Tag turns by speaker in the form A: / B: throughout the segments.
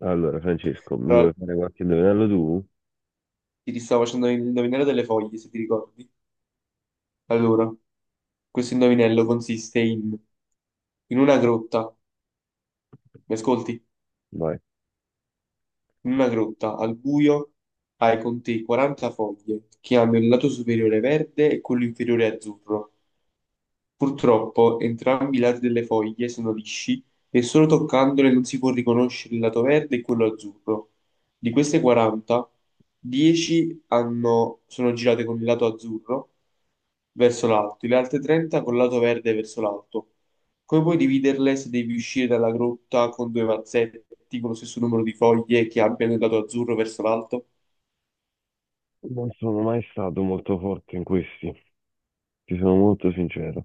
A: Allora, Francesco, mi
B: Allora,
A: vuoi fare qualche indovinello tu?
B: ti stavo facendo il indovinello delle foglie, se ti ricordi. Allora, questo indovinello consiste in una grotta, mi ascolti?
A: Vai.
B: In una grotta, al buio, hai con te 40 foglie che hanno il lato superiore verde e quello inferiore azzurro. Purtroppo, entrambi i lati delle foglie sono lisci e solo toccandole non si può riconoscere il lato verde e quello azzurro. Di queste 40, sono girate con il lato azzurro verso l'alto e le altre 30 col lato verde verso l'alto. Come puoi dividerle se devi uscire dalla grotta con due mazzetti con lo stesso numero di foglie che abbiano il lato azzurro verso l'alto?
A: Non sono mai stato molto forte in questi, ti sono molto sincero.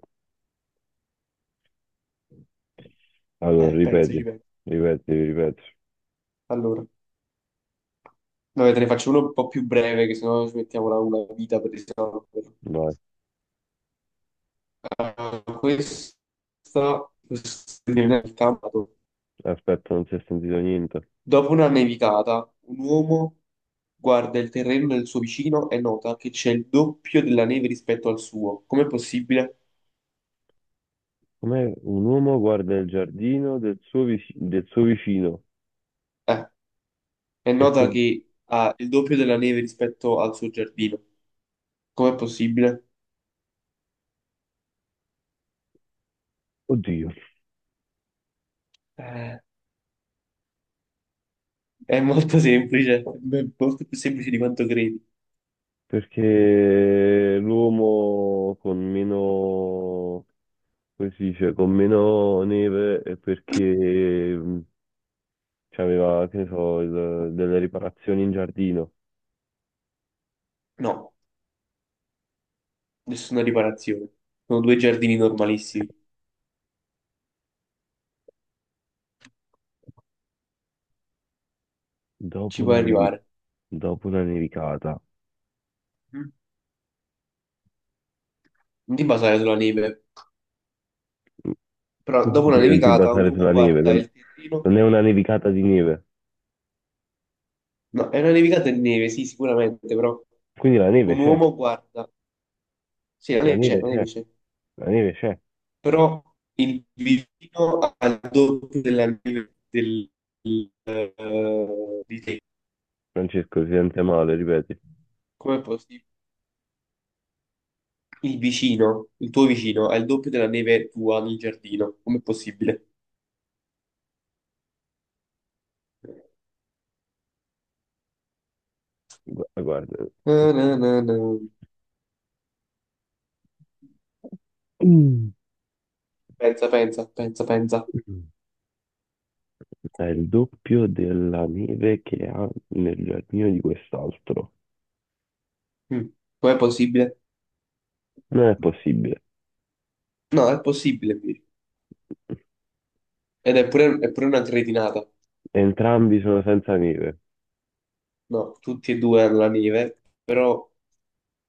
A: Allora,
B: Pensaci,
A: ripeti,
B: pensa.
A: ripeti, ripeti.
B: Allora, vabbè, te ne faccio uno un po' più breve, che sennò ci mettiamo una vita per risolverlo.
A: Vai.
B: Ah, questa nel campo.
A: Aspetta, non si è sentito niente.
B: Dopo una nevicata, un uomo guarda il terreno del suo vicino e nota che c'è il doppio della neve rispetto al suo. Com'è possibile?
A: Com'è un uomo guarda il giardino del suo, del suo vicino?
B: Eh, è
A: E che-
B: nota che ha il doppio della neve rispetto al suo giardino. Com'è possibile?
A: Oddio,
B: Eh, è molto semplice, beh, molto più semplice di quanto credi.
A: perché l'uomo con meno, come si dice, con meno neve è perché c'aveva, che ne so, delle riparazioni in giardino.
B: No, nessuna riparazione. Sono due giardini normalissimi,
A: Dopo
B: ci puoi
A: una, nevi-
B: arrivare.
A: dopo una nevicata.
B: Mm. Non ti basare sulla neve. Però
A: Tu
B: dopo una
A: dici non ti
B: nevicata un
A: basare
B: uomo
A: sulla neve,
B: guarda
A: non,
B: il terreno.
A: non è una nevicata di neve.
B: No, è una nevicata di neve, sì, sicuramente, però
A: Quindi la neve
B: un
A: c'è,
B: uomo guarda. Sì, la
A: la
B: neve c'è,
A: neve
B: la neve
A: c'è,
B: c'è.
A: la neve c'è.
B: Però il vicino al doppio del di te.
A: Francesco si sente male, ripeti.
B: Com'è possibile? Il vicino, il tuo vicino, ha il doppio della neve tua nel giardino. Com'è possibile?
A: Guarda.
B: Na, na, na, na.
A: Mm.
B: Pensa, pensa, pensa, pensa.
A: È il doppio della neve che ha nel giardino di quest'altro.
B: Mm. Com'è possibile?
A: Non è possibile.
B: No, è possibile, Viri. Ed è pure una cretinata.
A: Entrambi sono senza neve,
B: No, tutti e due hanno la neve, però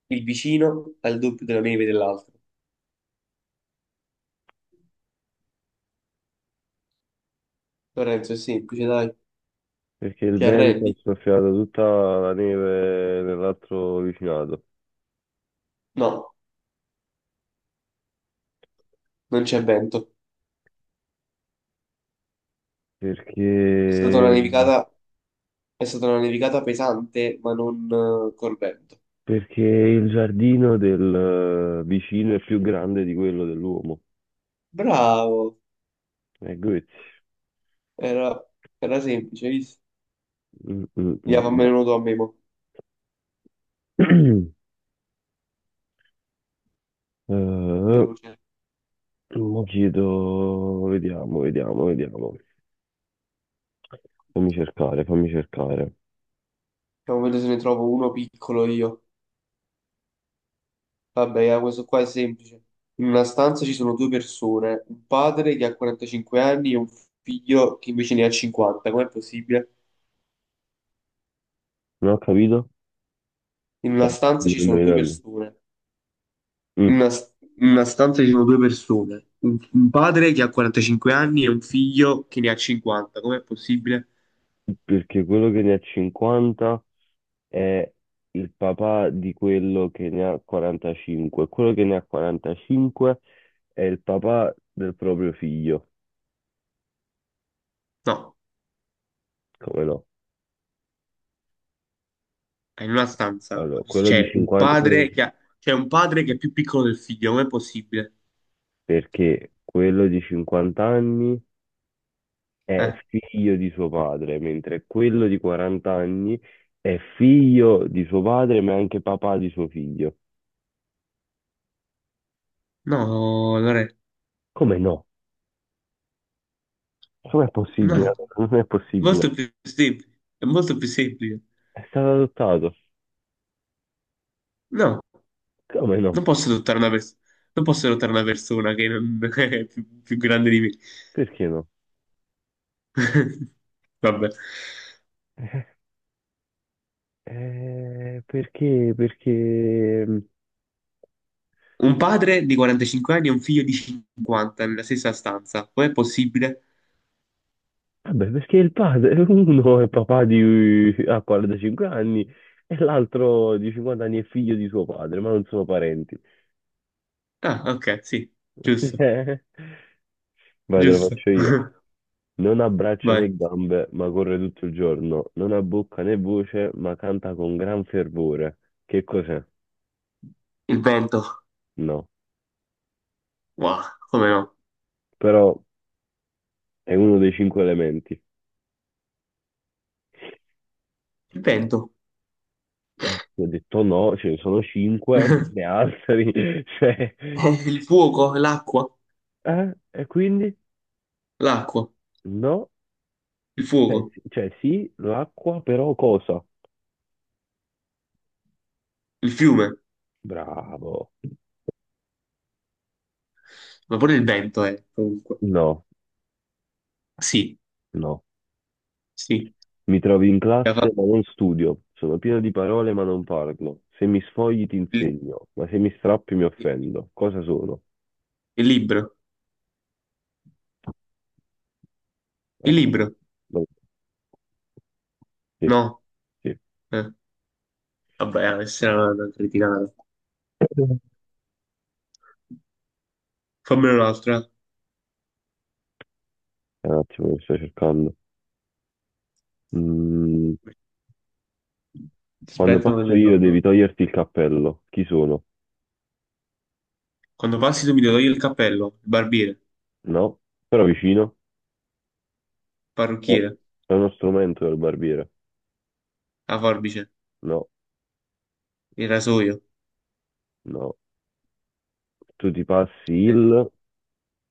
B: il vicino ha il doppio della neve dell'altro. Lorenzo, è semplice, dai.
A: perché il
B: Ti
A: vento ha
B: arrendi?
A: soffiato tutta la neve nell'altro vicinato.
B: No, non c'è vento. È stata una
A: Perché,
B: nevicata, è stata una nevicata pesante, ma non col vento.
A: perché il giardino del vicino è più grande di quello dell'uomo.
B: Bravo,
A: E Goethe.
B: era, era semplice, hai visto?
A: Mm, mm,
B: Via,
A: mm,
B: fammene
A: bravo.
B: uno tu a me, mo.
A: Eh,
B: Veloce.
A: mo chiedo, vediamo, vediamo, vediamo. Fammi cercare, fammi cercare.
B: Vediamo vedere se ne trovo uno piccolo io. Vabbè, ah, questo qua è semplice. In una stanza ci sono due persone, un padre che ha 45 anni e un figlio che invece ne ha 50. Com'è possibile?
A: Non ho capito?
B: In
A: Sai,
B: una stanza
A: mi
B: ci
A: sto
B: sono due
A: indovinando.
B: persone. In
A: Mm,
B: Una, in una stanza ci sono due persone, un padre che ha 45 anni e un figlio che ne ha 50. Com'è possibile?
A: Perché quello che ne ha 50 è il papà di quello che ne ha 45. Quello che ne ha 45 è il papà del proprio figlio.
B: No,
A: Come no?
B: è in una stanza.
A: Allora, quello di
B: C'è un
A: 50,
B: padre che ha- c'è un padre che è più piccolo del figlio, com'è possibile?
A: perché quello di 50 anni è
B: Eh,
A: figlio di suo padre, mentre quello di 40 anni è figlio di suo padre, ma è anche papà di suo figlio.
B: no, Lore,
A: Come no? Com'è possibile?
B: no,
A: Non è possibile.
B: è molto più semplice.
A: È stato adottato.
B: No,
A: Come no?
B: non posso adottare una persona, non posso adottare una persona che non- È più grande di me.
A: Perché no?
B: Vabbè.
A: Perché? Perché?
B: Un padre di 45 anni e un figlio di 50 nella stessa stanza. Com'è possibile?
A: Vabbè, perché il padre, uno è papà di, ha 45 anni e l'altro di 50 anni è figlio di suo padre, ma non sono parenti.
B: Ah, ok, sì, giusto,
A: Cioè, vai, te lo
B: giusto.
A: faccio io. Non ha braccia
B: Vai.
A: né gambe, ma corre tutto il giorno. Non ha bocca né voce, ma canta con gran fervore. Che cos'è?
B: Il vento.
A: No.
B: Wow, come no?
A: Però è uno dei cinque elementi.
B: Il vento.
A: Ho detto no, ce ne sono cinque, di altri. Cioè,
B: Il fuoco,
A: eh? E quindi?
B: l'acqua,
A: No.
B: il
A: Cioè,
B: fuoco,
A: cioè, sì, l'acqua, però cosa?
B: il fiume,
A: Bravo.
B: ma pure il vento è, comunque.
A: No,
B: Sì,
A: no.
B: sì.
A: Mi trovi in
B: La fa-
A: classe ma non studio. Sono pieno di parole ma non parlo. Se mi sfogli ti
B: Il,
A: insegno, ma se mi strappi mi
B: il
A: offendo. Cosa sono?
B: libro. Il
A: Aspetta.
B: libro.
A: No, sì,
B: No.
A: sì.
B: Eh, vabbè, questa è una cretinata.
A: Eh,
B: Fammene un'altra.
A: Un attimo che sto cercando. Mm, quando
B: Aspetta, me
A: passo
B: ne
A: io
B: trovo.
A: devi toglierti il cappello. Chi sono?
B: Quando passi tu mi devi togliere il cappello, il
A: No. Però vicino? No.
B: parrucchiere,
A: È uno strumento del barbiere.
B: la forbice,
A: No,
B: il rasoio,
A: no. Tu ti passi
B: il
A: il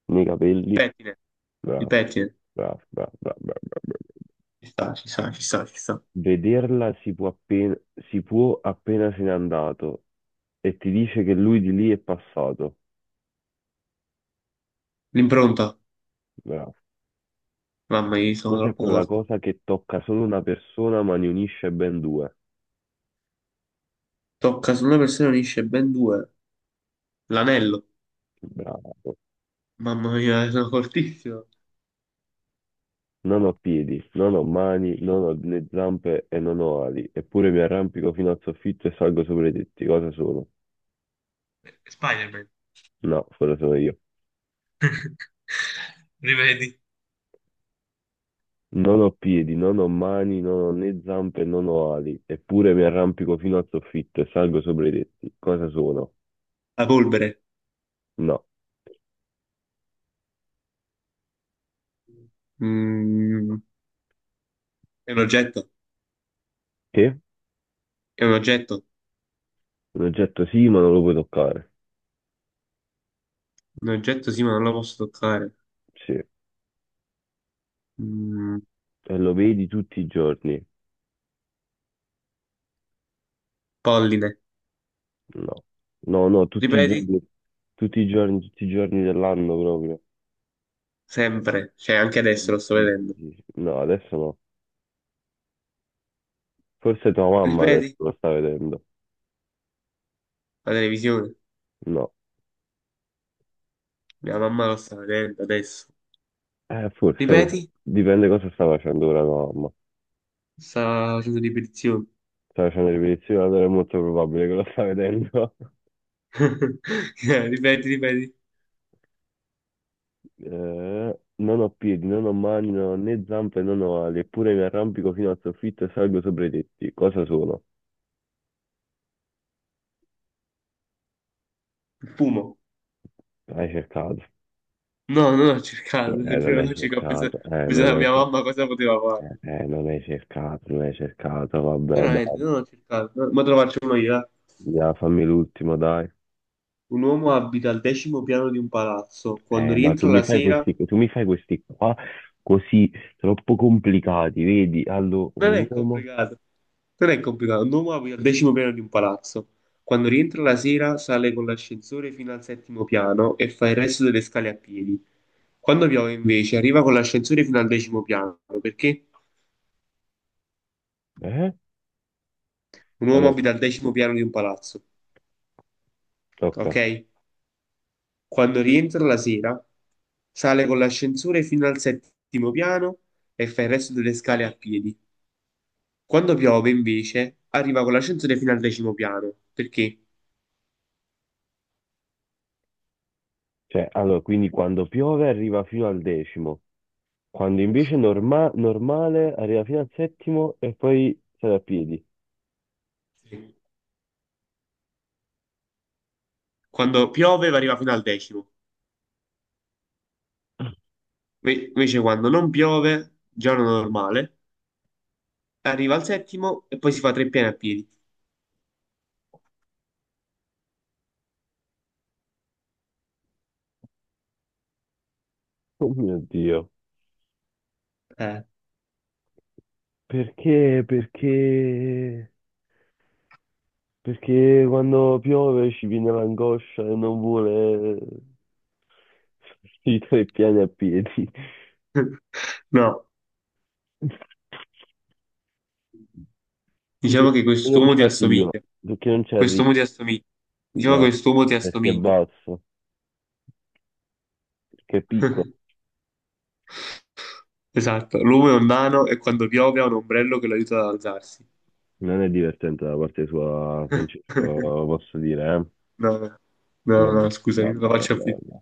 A: nei capelli.
B: pettine, il
A: Bravo,
B: pettine.
A: bravo, bravo, bravo, bravo, bravo. Bravo.
B: Ci sta, ci sta, ci sta, ci sta.
A: Vederla si può appena se n'è andato e ti dice che lui di lì è passato.
B: L'impronta.
A: Bravo.
B: Mamma mia, sono
A: Cos'è
B: troppo
A: quella
B: forte.
A: cosa che tocca solo una persona ma ne unisce ben due?
B: Tocca su una persona e unisce ben due. L'anello.
A: Bravo.
B: Mamma mia, sono fortissimo.
A: Non ho piedi, non ho mani, non ho né zampe e non ho ali, eppure mi arrampico fino al soffitto e salgo sopra i tetti. Cosa sono?
B: Spider-Man.
A: No, quello sono io.
B: Rivedi.
A: Non ho piedi, non ho mani, non ho né zampe, non ho ali, eppure mi arrampico fino al soffitto e salgo sopra i tetti. Cosa sono?
B: La polvere.
A: No.
B: Mm, è un oggetto.
A: Che?
B: È un oggetto.
A: Un oggetto sì, ma non lo puoi toccare.
B: Un oggetto sì, ma non lo posso toccare.
A: Sì.
B: Mm,
A: E lo vedi tutti i giorni?
B: polline.
A: No. No, no, tutti i
B: Ripeti?
A: giorni, tutti i giorni, tutti i giorni dell'anno proprio.
B: Sempre, cioè anche adesso
A: Sì,
B: lo sto
A: sì, sì,
B: vedendo.
A: sì. No, adesso no. Forse tua mamma adesso
B: Ripeti?
A: lo sta vedendo.
B: La televisione.
A: No.
B: Mia mamma lo sta vedendo adesso.
A: Forse no.
B: Ripeti?
A: Dipende cosa sta facendo ora tua mamma.
B: Sta facendo ripetizioni.
A: Sta facendo ripetizione, allora è molto probabile che lo sta vedendo.
B: Ripeti, ripeti.
A: Non ho piedi, non ho mani, non ho né zampe, non ho ali, eppure mi arrampico fino al soffitto e salgo sopra i tetti. Cosa sono?
B: Il fumo.
A: Hai cercato.
B: No, non ho cercato, te lo
A: Non
B: giuro,
A: hai
B: non ho cercato.
A: cercato,
B: Ho
A: non
B: pensato a
A: hai
B: mia
A: cercato,
B: mamma cosa poteva fare.
A: non hai cercato, non hai cercato, vabbè, dai,
B: Veramente, non ho cercato. Ma te lo faccio uno io. Eh.
A: via, fammi l'ultimo, dai.
B: Un uomo abita al decimo piano di un palazzo. Quando
A: Ma tu
B: rientra
A: mi
B: la
A: fai
B: sera.
A: questi, tu mi fai questi qua così troppo complicati, vedi? Allora,
B: Non
A: un
B: è
A: uomo,
B: complicato. Non è complicato. Un uomo abita al decimo piano di un palazzo. Quando rientra la sera, sale con l'ascensore fino al settimo piano e fa il resto delle scale a piedi. Quando piove, invece, arriva con l'ascensore fino al decimo piano, perché
A: eh?
B: un uomo
A: Allora,
B: abita al decimo piano di un palazzo,
A: tocca.
B: ok? Quando rientra la sera, sale con l'ascensore fino al settimo piano e fa il resto delle scale a piedi. Quando piove, invece, arriva con l'ascensore fino al decimo piano, perché
A: Cioè, allora, quindi quando piove arriva fino al decimo. Quando invece normale arriva fino al settimo e poi sale a piedi.
B: sì, quando piove arriva fino al decimo. Invece quando non piove, giorno normale, arriva al settimo e poi si fa 3 piani a piedi.
A: Oh mio Dio.
B: Eh.
A: Perché? Perché? Perché quando piove ci viene l'angoscia e non vuole i tre piani a piedi.
B: No,
A: Perché
B: diciamo che
A: non ci
B: quest'uomo ti
A: arrivo.
B: assomiglia.
A: Perché non ci arrivo.
B: Quest'uomo ti assomiglia. Diciamo che
A: Eh,
B: quest'uomo ti
A: perché è
B: assomiglia.
A: basso, perché è piccolo.
B: Esatto, l'uomo è un nano e quando piove ha un ombrello che lo aiuta ad alzarsi.
A: Non è divertente da parte sua, Francesco, posso dire, eh?
B: No,
A: Vabbè,
B: no, scusami, non
A: vabbè,
B: la
A: vabbè.
B: faccio
A: Vabbè.